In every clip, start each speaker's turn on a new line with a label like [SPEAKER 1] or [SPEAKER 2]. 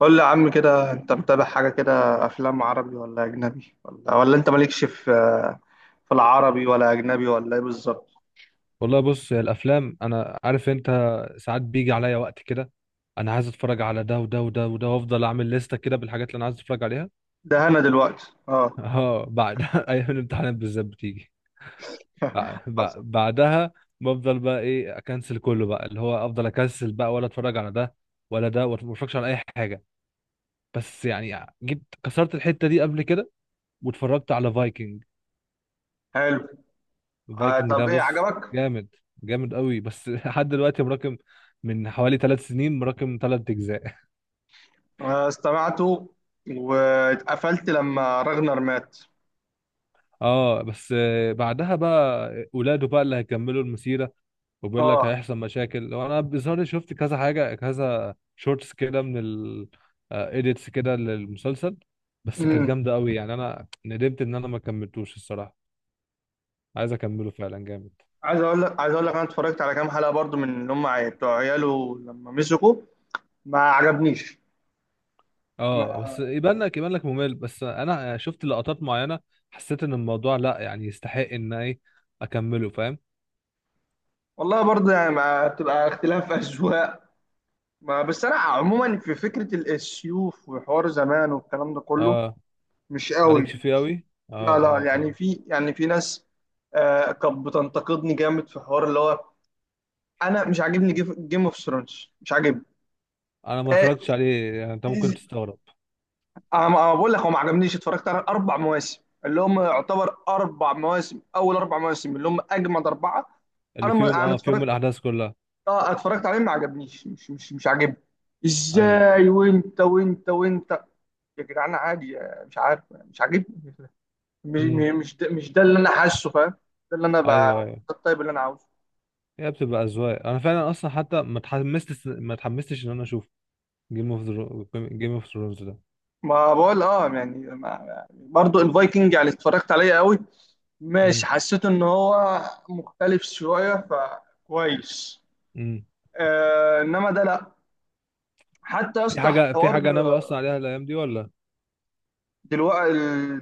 [SPEAKER 1] قول لي يا عم كده، انت متابع حاجة كده؟ افلام عربي ولا اجنبي ولا انت مالكش في العربي ولا اجنبي ولا ايه بالظبط؟
[SPEAKER 2] والله بص يا الافلام، انا عارف انت ساعات بيجي عليا وقت كده. انا عايز اتفرج على ده وده وده وده وافضل اعمل لستة كده بالحاجات اللي انا عايز اتفرج عليها.
[SPEAKER 1] ده انا دلوقتي
[SPEAKER 2] اه، بعد ايام الامتحانات بالذات بتيجي
[SPEAKER 1] حصل.
[SPEAKER 2] بعدها. بفضل بقى ايه، اكنسل كله بقى، اللي هو افضل اكنسل بقى ولا اتفرج على ده ولا ده، وما اتفرجش على اي حاجة. بس يعني جيت كسرت الحتة دي قبل كده، واتفرجت على فايكنج.
[SPEAKER 1] حلو. آه
[SPEAKER 2] فايكنج ده
[SPEAKER 1] طب ايه
[SPEAKER 2] بص،
[SPEAKER 1] عجبك؟
[SPEAKER 2] جامد، جامد قوي. بس لحد دلوقتي مراكم من حوالي 3 سنين، مراكم 3 اجزاء.
[SPEAKER 1] آه استمعته، واتقفلت لما راغنر مات.
[SPEAKER 2] اه بس، آه، بعدها بقى ولاده بقى اللي هيكملوا المسيرة. وبيقول لك
[SPEAKER 1] اه
[SPEAKER 2] هيحصل مشاكل لو انا بظهر. شفت كذا حاجة، كذا شورتس كده من ال آه، edits كده للمسلسل. بس كانت
[SPEAKER 1] امم
[SPEAKER 2] جامدة قوي يعني، انا ندمت ان انا ما كملتوش الصراحة. عايز اكمله فعلا، جامد.
[SPEAKER 1] عايز اقول لك انا اتفرجت على كام حلقة برضو من اللي هم بتوع عياله لما مسكوا. ما عجبنيش.
[SPEAKER 2] اه بس،
[SPEAKER 1] ما
[SPEAKER 2] يبان لك ممل، بس انا شفت لقطات معينة، حسيت ان الموضوع لا يعني يستحق ان ايه اكمله، فاهم.
[SPEAKER 1] والله، برضه يعني ما بتبقى اختلاف اذواق. ما بس انا عموما في فكره السيوف وحوار زمان والكلام ده كله
[SPEAKER 2] اه،
[SPEAKER 1] مش قوي.
[SPEAKER 2] مالكش فيه قوي، اه.
[SPEAKER 1] لا لا،
[SPEAKER 2] اه،
[SPEAKER 1] يعني
[SPEAKER 2] فاهم.
[SPEAKER 1] في، يعني في ناس. آه كانت بتنتقدني جامد في حوار اللي هو انا مش عاجبني. جيم اوف ثرونز مش عاجبني.
[SPEAKER 2] انا ما
[SPEAKER 1] آه
[SPEAKER 2] اتفرجتش عليه يعني، انت ممكن
[SPEAKER 1] إز-
[SPEAKER 2] تستغرب.
[SPEAKER 1] انا بقول لك هو ما عجبنيش، اتفرجت على اربع مواسم، اللي هم يعتبر اربع مواسم اول اربع مواسم، اللي هم اجمد اربعه. انا
[SPEAKER 2] اللي في يوم،
[SPEAKER 1] ما انا
[SPEAKER 2] اه، في يوم الاحداث كلها.
[SPEAKER 1] اتفرجت عليهم، ما عجبنيش، مش عاجبني.
[SPEAKER 2] ايوه.
[SPEAKER 1] ازاي وانت يا جدعان عادي، مش عارف، مش عاجبني.
[SPEAKER 2] امم.
[SPEAKER 1] مش ده اللي انا حاسه، فاهم؟ ده اللي انا
[SPEAKER 2] ايوه
[SPEAKER 1] ده.
[SPEAKER 2] ايوه.
[SPEAKER 1] الطيب اللي انا عاوزه.
[SPEAKER 2] هي بتبقى اذواق. انا فعلا اصلا حتى ما اتحمستش ان انا اشوف جيم اوف جيم اوف ثرونز ده.
[SPEAKER 1] ما بقول اه يعني ما... برضو الفايكنج يعني اتفرجت عليه قوي. ماشي،
[SPEAKER 2] امم.
[SPEAKER 1] حسيت ان هو مختلف شويه فكويس.
[SPEAKER 2] امم.
[SPEAKER 1] آه انما ده لا. حتى يا
[SPEAKER 2] في
[SPEAKER 1] اسطى
[SPEAKER 2] حاجه في
[SPEAKER 1] حوار.
[SPEAKER 2] حاجه ناوي اصلا عليها الايام دي ولا؟
[SPEAKER 1] دلوقتي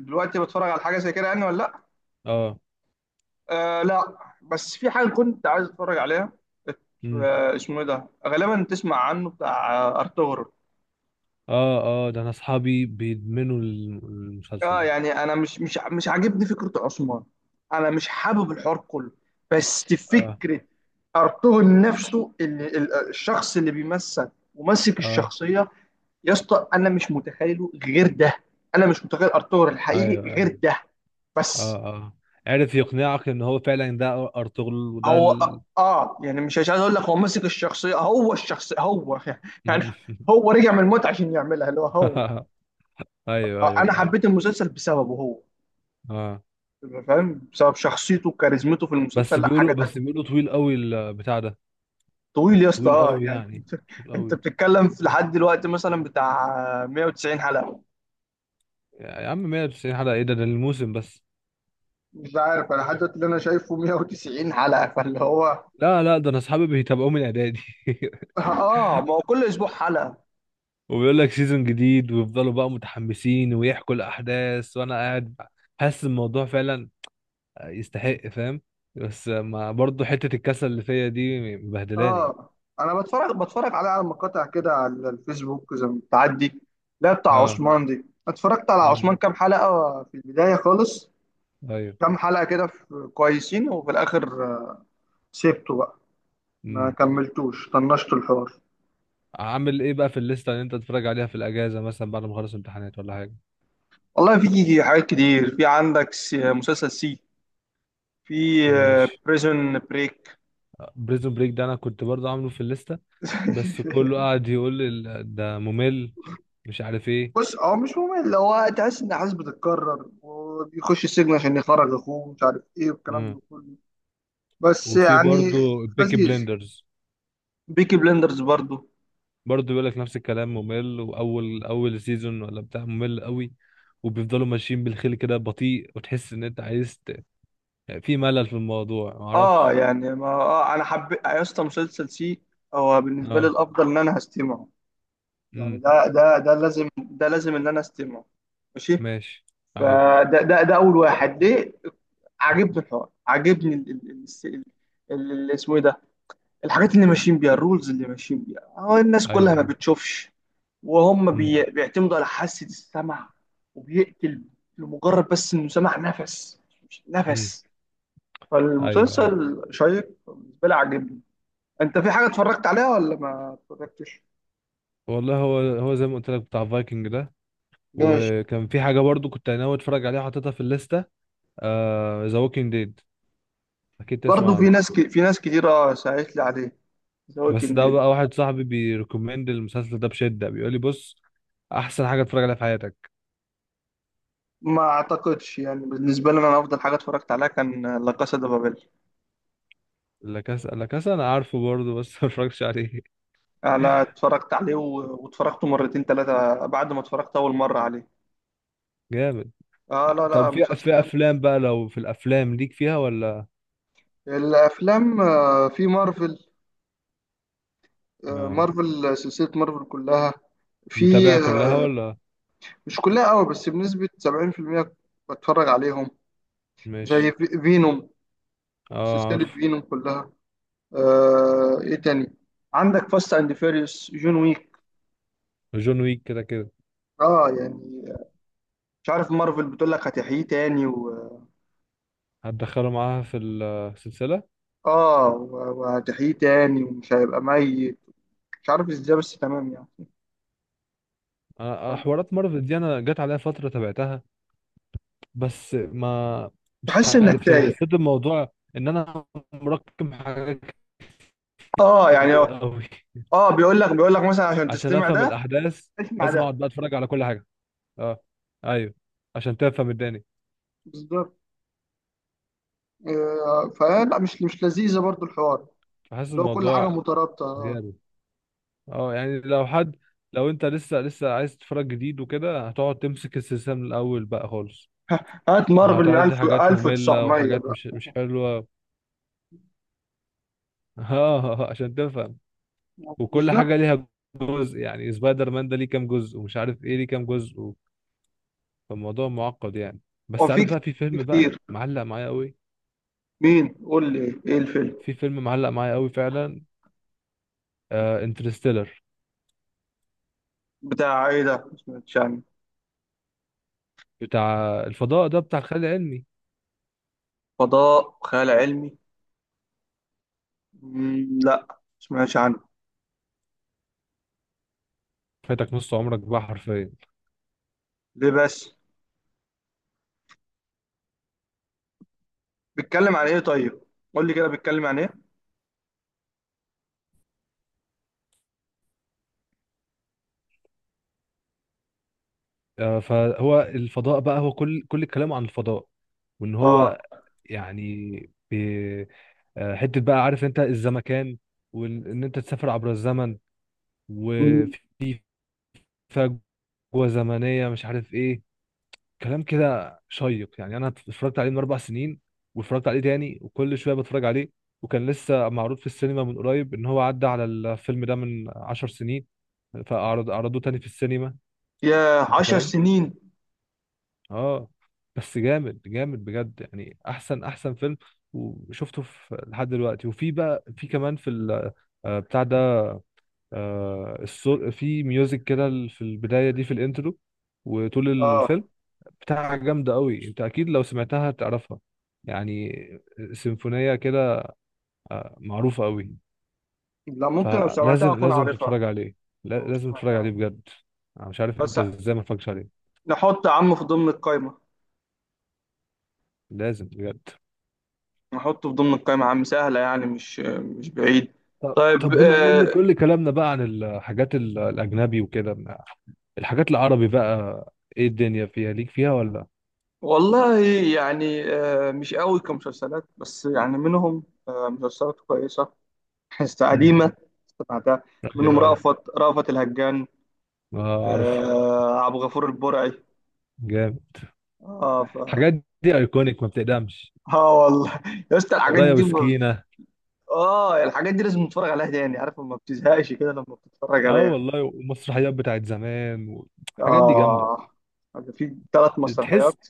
[SPEAKER 1] دلوقتي بتفرج على حاجه زي كده يعني ولا لا؟
[SPEAKER 2] اه.
[SPEAKER 1] آه لا، بس في حاجه كنت عايز اتفرج عليها. ات-
[SPEAKER 2] امم.
[SPEAKER 1] آه، اسمه ايه ده، غالبا تسمع عنه، بتاع ارطغرل.
[SPEAKER 2] اه اه، ده انا اصحابي بيدمنوا المسلسل
[SPEAKER 1] اه
[SPEAKER 2] ده.
[SPEAKER 1] يعني انا مش عاجبني فكره عثمان. انا مش حابب الحوار كله، بس
[SPEAKER 2] اه
[SPEAKER 1] فكره ارطغرل نفسه، اللي الشخص اللي بيمثل وماسك
[SPEAKER 2] اه.
[SPEAKER 1] الشخصيه. يا اسطى انا مش متخيله غير ده، انا مش متخيل ارطغرل الحقيقي
[SPEAKER 2] ايوه
[SPEAKER 1] غير
[SPEAKER 2] ايوه.
[SPEAKER 1] ده.
[SPEAKER 2] اه
[SPEAKER 1] بس.
[SPEAKER 2] اه. عرف يقنعك ان هو فعلا ده ارطغرل وده
[SPEAKER 1] هو
[SPEAKER 2] ال...
[SPEAKER 1] يعني مش مش عايز اقول لك، هو ماسك الشخصيه، هو الشخصيه هو يعني. هو رجع من الموت عشان يعملها اللي هو هو.
[SPEAKER 2] ايوه ايوه،
[SPEAKER 1] انا
[SPEAKER 2] فاهم.
[SPEAKER 1] حبيت المسلسل بسببه هو،
[SPEAKER 2] اه
[SPEAKER 1] فاهم، بسبب شخصيته وكاريزمته في
[SPEAKER 2] بس،
[SPEAKER 1] المسلسل، لا حاجه
[SPEAKER 2] بيقولوا بس
[SPEAKER 1] تانيه.
[SPEAKER 2] بيقولوا طويل قوي البتاع ده.
[SPEAKER 1] طويل يا اسطى،
[SPEAKER 2] طويل قوي
[SPEAKER 1] يعني
[SPEAKER 2] يعني،
[SPEAKER 1] انت
[SPEAKER 2] طويل قوي.
[SPEAKER 1] بتتكلم في لحد دلوقتي مثلا بتاع 190 حلقة.
[SPEAKER 2] يا عم 190 حلقة؟ ايه ده؟ ده الموسم بس.
[SPEAKER 1] مش عارف، انا لحد دلوقتي اللي انا شايفه 190 حلقه، فاللي هو
[SPEAKER 2] لا لا، ده انا اصحابي بيتابعوه من اعدادي.
[SPEAKER 1] اه، ما هو كل اسبوع حلقة.
[SPEAKER 2] وبيقول لك سيزون جديد، ويفضلوا بقى متحمسين ويحكوا الاحداث وانا قاعد. حاسس الموضوع فعلا يستحق، فاهم. بس ما برضه حتة الكسل اللي فيا دي مبهدلاني.
[SPEAKER 1] اه انا بتفرج عليه على مقاطع كده على الفيسبوك زي ما بتعدي. لا بتاع
[SPEAKER 2] اه.
[SPEAKER 1] عثمان دي، اتفرجت على عثمان
[SPEAKER 2] امم.
[SPEAKER 1] كام حلقه في البدايه خالص.
[SPEAKER 2] ايوه.
[SPEAKER 1] كام حلقه كده كويسين، وفي الاخر سيبته بقى، ما
[SPEAKER 2] امم.
[SPEAKER 1] كملتوش، طنشت الحوار.
[SPEAKER 2] عامل ايه بقى في الليسته اللي انت تتفرج عليها في الاجازه، مثلا بعد ما اخلص امتحانات ولا حاجه؟
[SPEAKER 1] والله في حاجات كتير، في عندك مسلسل سي، في
[SPEAKER 2] ماشي.
[SPEAKER 1] بريزون بريك
[SPEAKER 2] بريزون بريك ده انا كنت برضه عامله في الليسته، بس كله قاعد يقول لي ده ممل، مش عارف ايه.
[SPEAKER 1] بص هو مش ممل، اللي هو تحس ان احداث بتتكرر، وبيخش السجن عشان يخرج اخوه، مش عارف ايه والكلام
[SPEAKER 2] مم.
[SPEAKER 1] ده كله، بس
[SPEAKER 2] وفي
[SPEAKER 1] يعني.
[SPEAKER 2] برضه بيكي
[SPEAKER 1] لذيذ.
[SPEAKER 2] بليندرز.
[SPEAKER 1] بيكي بلندرز برضو.
[SPEAKER 2] برضه بيقول لك نفس الكلام، ممل، واول اول سيزون ولا بتاع ممل قوي. وبيفضلوا ماشيين بالخيل كده بطيء، وتحس ان انت عايز ت... في ملل في الموضوع،
[SPEAKER 1] اه
[SPEAKER 2] معرفش.
[SPEAKER 1] يعني ما انا حبيت يا اسطى مسلسل سي. هو بالنسبه لي
[SPEAKER 2] اه.
[SPEAKER 1] الافضل، ان انا هستمعه. يعني
[SPEAKER 2] امم.
[SPEAKER 1] ده ده ده لازم ده لازم ان انا استمعه. ماشي.
[SPEAKER 2] ماشي. ايوه
[SPEAKER 1] فده ده ده اول واحد ليه. عاجبني الحوار، عاجبني اسمه ايه ده، الحاجات اللي ماشيين بيها، الرولز اللي ماشيين بيها، هو الناس كلها ما
[SPEAKER 2] ايوه.
[SPEAKER 1] بتشوفش، وهم
[SPEAKER 2] امم.
[SPEAKER 1] بيعتمدوا على حاسة السمع. وبيقتل لمجرد بس انه سمع نفس، مش
[SPEAKER 2] امم.
[SPEAKER 1] نفس.
[SPEAKER 2] ايوه ايوه.
[SPEAKER 1] فالمسلسل شيق بالنسبة لي، عاجبني. انت في حاجة اتفرجت عليها ولا ما اتفرجتش؟
[SPEAKER 2] والله، هو هو زي ما قلت لك بتاع فايكنج ده.
[SPEAKER 1] ماشي.
[SPEAKER 2] وكان في حاجه برضو كنت ناوي اتفرج عليها، حاططها في الليسته: ذا ووكينج ديد. اكيد
[SPEAKER 1] برضه
[SPEAKER 2] تسمع
[SPEAKER 1] في
[SPEAKER 2] عنه.
[SPEAKER 1] ناس في ناس كتير اه ساعدت لي عليه، ذا
[SPEAKER 2] بس
[SPEAKER 1] ووكينج
[SPEAKER 2] ده
[SPEAKER 1] ديد.
[SPEAKER 2] بقى واحد صاحبي بيريكومند المسلسل ده بشده، بيقول لي: بص، احسن حاجه اتفرج عليها في حياتك.
[SPEAKER 1] ما اعتقدش، يعني بالنسبة لي انا افضل حاجة اتفرجت عليها كان لا كاسا دي بابيل.
[SPEAKER 2] لا كاسا، لا كاسا انا عارفه برضه، بس ما اتفرجش عليه.
[SPEAKER 1] انا اتفرجت عليه واتفرجته مرتين ثلاثة بعد ما اتفرجت اول مرة عليه.
[SPEAKER 2] جامد.
[SPEAKER 1] اه،
[SPEAKER 2] ع-
[SPEAKER 1] لا
[SPEAKER 2] طب،
[SPEAKER 1] لا،
[SPEAKER 2] في
[SPEAKER 1] مسلسل
[SPEAKER 2] في
[SPEAKER 1] جامد.
[SPEAKER 2] افلام بقى؟ لو في الافلام ليك فيها ولا؟
[SPEAKER 1] الافلام في مارفل.
[SPEAKER 2] آه،
[SPEAKER 1] مارفل، سلسله مارفل كلها. في
[SPEAKER 2] متابع كلها
[SPEAKER 1] آه،
[SPEAKER 2] ولا؟
[SPEAKER 1] مش كلها قوي بس بنسبه 70% بتفرج عليهم. زي
[SPEAKER 2] ماشي.
[SPEAKER 1] فينوم،
[SPEAKER 2] اه،
[SPEAKER 1] سلسله
[SPEAKER 2] عارفه.
[SPEAKER 1] فينوم كلها. آه ايه تاني، عندك فاست اند فيريوس، جون ويك.
[SPEAKER 2] جون ويك كده كده.
[SPEAKER 1] اه يعني، مش عارف، مارفل بتقول لك هتحييه تاني.
[SPEAKER 2] هتدخله معاها في السلسله.
[SPEAKER 1] اه وهتحييه تاني ومش هيبقى ميت. مش عارف ازاي، بس تمام يعني،
[SPEAKER 2] آه، آه، حوارات مارفل دي انا جت عليها فتره تابعتها. بس ما، مش
[SPEAKER 1] تحس انك
[SPEAKER 2] عارف يعني،
[SPEAKER 1] تايه.
[SPEAKER 2] حسيت الموضوع ان انا مركم حاجات
[SPEAKER 1] اه يعني،
[SPEAKER 2] كتير قوي.
[SPEAKER 1] بيقول لك مثلا عشان
[SPEAKER 2] عشان
[SPEAKER 1] تستمع
[SPEAKER 2] افهم
[SPEAKER 1] ده،
[SPEAKER 2] الاحداث
[SPEAKER 1] اسمع
[SPEAKER 2] لازم
[SPEAKER 1] ده،
[SPEAKER 2] اقعد بقى اتفرج على كل حاجه. اه. ايوه. عشان تفهم الدنيا.
[SPEAKER 1] بالظبط. فلا مش لذيذة برضو الحوار،
[SPEAKER 2] فحاسس
[SPEAKER 1] اللي هو كل
[SPEAKER 2] الموضوع
[SPEAKER 1] حاجة مترابطة.
[SPEAKER 2] زياده. اه يعني، لو حد، لو انت لسه لسه عايز تتفرج جديد وكده، هتقعد تمسك السلسله من الاول بقى خالص.
[SPEAKER 1] هات مارفل من
[SPEAKER 2] وهتعدي
[SPEAKER 1] 1000
[SPEAKER 2] حاجات ممله
[SPEAKER 1] 1900
[SPEAKER 2] وحاجات
[SPEAKER 1] بقى،
[SPEAKER 2] مش حلوه. اه عشان تفهم. وكل حاجه
[SPEAKER 1] بالظبط.
[SPEAKER 2] ليها جزء. يعني سبايدر مان ده ليه كام جزء، ومش عارف ايه ليه كام جزء. فالموضوع معقد يعني. بس
[SPEAKER 1] وفي
[SPEAKER 2] عارف بقى، في
[SPEAKER 1] في
[SPEAKER 2] فيلم بقى
[SPEAKER 1] كتير.
[SPEAKER 2] معلق معايا قوي.
[SPEAKER 1] مين، قول لي ايه الفيلم.
[SPEAKER 2] في فيلم معلق معايا قوي فعلا: آه، انترستيلر.
[SPEAKER 1] بتاع ايه ده، ما سمعتش عنه.
[SPEAKER 2] بتاع الفضاء ده، بتاع الخيال العلمي.
[SPEAKER 1] فضاء خيال علمي. مم، لا ما سمعتش عنه.
[SPEAKER 2] فاتك نص عمرك بقى حرفيا.
[SPEAKER 1] ليه بس؟ بيتكلم عن ايه طيب؟ قول لي كده، بيتكلم عن ايه؟
[SPEAKER 2] آه، فهو الفضاء بقى، هو كل كلامه عن الفضاء. وان
[SPEAKER 1] اه.
[SPEAKER 2] هو يعني، بي- آه، حته بقى، عارف انت الزمكان، وان انت تسافر عبر الزمن،
[SPEAKER 1] مم.
[SPEAKER 2] وفي فجوه زمنيه، مش عارف ايه، كلام كده شيق يعني. انا اتفرجت عليه من 4 سنين، واتفرجت عليه تاني، وكل شويه بتفرج عليه. وكان لسه معروض في السينما من قريب، ان هو عدى على الفيلم ده من 10 سنين، فاعرض عرضوه تاني في السينما.
[SPEAKER 1] يا
[SPEAKER 2] انت
[SPEAKER 1] عشر
[SPEAKER 2] فاهم.
[SPEAKER 1] سنين
[SPEAKER 2] اه. بس جامد، جامد بجد، يعني احسن، احسن فيلم وشفته في لحد دلوقتي. وفي بقى، في كمان في آه، بتاع ده، آه، الصوت في ميوزك كده في البدايه دي في الانترو وطول
[SPEAKER 1] اه،
[SPEAKER 2] الفيلم بتاع، جامدة قوي. انت اكيد لو سمعتها تعرفها يعني، سيمفونية كده، معروفة قوي.
[SPEAKER 1] لا ممكن لو سمعتها
[SPEAKER 2] فلازم
[SPEAKER 1] اكون
[SPEAKER 2] لازم
[SPEAKER 1] عارفها.
[SPEAKER 2] تتفرج عليه.
[SPEAKER 1] لو
[SPEAKER 2] لازم
[SPEAKER 1] سمعت
[SPEAKER 2] تتفرج
[SPEAKER 1] عنه.
[SPEAKER 2] عليه بجد. انا مش عارف
[SPEAKER 1] بس،
[SPEAKER 2] انت ازاي ما اتفرجتش عليه.
[SPEAKER 1] نحط عم في ضمن القايمة،
[SPEAKER 2] لازم بجد.
[SPEAKER 1] نحطه في ضمن القايمة عم، سهلة يعني مش بعيد.
[SPEAKER 2] طب
[SPEAKER 1] طيب.
[SPEAKER 2] طب، بما ان كل كلامنا بقى عن الحاجات الاجنبي وكده، الحاجات العربي بقى، ايه الدنيا فيها؟ ليك فيها ولا؟
[SPEAKER 1] والله يعني، مش قوي كمسلسلات، بس يعني منهم مسلسلات كويسة. حس
[SPEAKER 2] امم.
[SPEAKER 1] قديمة، سمعتها، منهم
[SPEAKER 2] ايوه ايوه،
[SPEAKER 1] رأفت الهجان.
[SPEAKER 2] ما اعرف.
[SPEAKER 1] آه، عبد الغفور البرعي.
[SPEAKER 2] جامد.
[SPEAKER 1] اه ف...
[SPEAKER 2] الحاجات دي ايكونيك، ما بتقدمش.
[SPEAKER 1] اه والله يا اسطى، الحاجات
[SPEAKER 2] قرايه
[SPEAKER 1] دي
[SPEAKER 2] وسكينه.
[SPEAKER 1] اه، الحاجات دي لازم نتفرج عليها تاني، عارف، ما بتزهقش كده لما بتتفرج
[SPEAKER 2] اه
[SPEAKER 1] عليها.
[SPEAKER 2] والله، ومسرحيات بتاعت زمان والحاجات دي جامده.
[SPEAKER 1] آه، في ثلاث
[SPEAKER 2] تحس،
[SPEAKER 1] مسرحيات.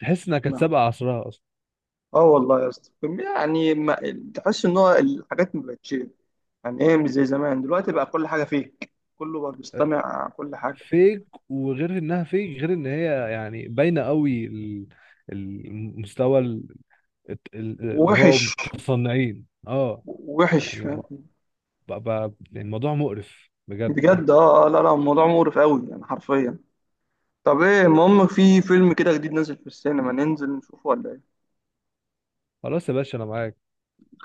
[SPEAKER 2] تحس انها كانت
[SPEAKER 1] نعم.
[SPEAKER 2] سابقه عصرها اصلا.
[SPEAKER 1] اه والله يا اسطى، يعني ما تحس ان هو الحاجات ما بقتش. يعني ايه، مش زي زمان، دلوقتي بقى كل حاجه فيك، كله بقى بيستمع كل حاجه.
[SPEAKER 2] فيك، وغير انها فيك، غير ان هي يعني باينه قوي المستوى، اللي هو
[SPEAKER 1] وحش.
[SPEAKER 2] متصنعين، اه.
[SPEAKER 1] وحش،
[SPEAKER 2] يعني
[SPEAKER 1] فاهم.
[SPEAKER 2] يعني الموضوع مقرف بجد.
[SPEAKER 1] بجد. لا لا، الموضوع مقرف قوي يعني، حرفيا. طب ايه، المهم، في فيلم كده جديد نازل في السينما ننزل نشوفه ولا ايه؟
[SPEAKER 2] خلاص يا باشا، انا معاك.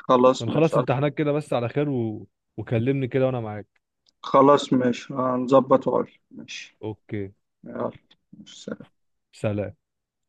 [SPEAKER 1] خلاص ماشي.
[SPEAKER 2] بنخلص امتحانات كده بس على خير، و... وكلمني كده وانا معاك.
[SPEAKER 1] خلاص، ماشي، هنظبط وأقول. ماشي.
[SPEAKER 2] اوكي.
[SPEAKER 1] يلا. ماشي.
[SPEAKER 2] سلام.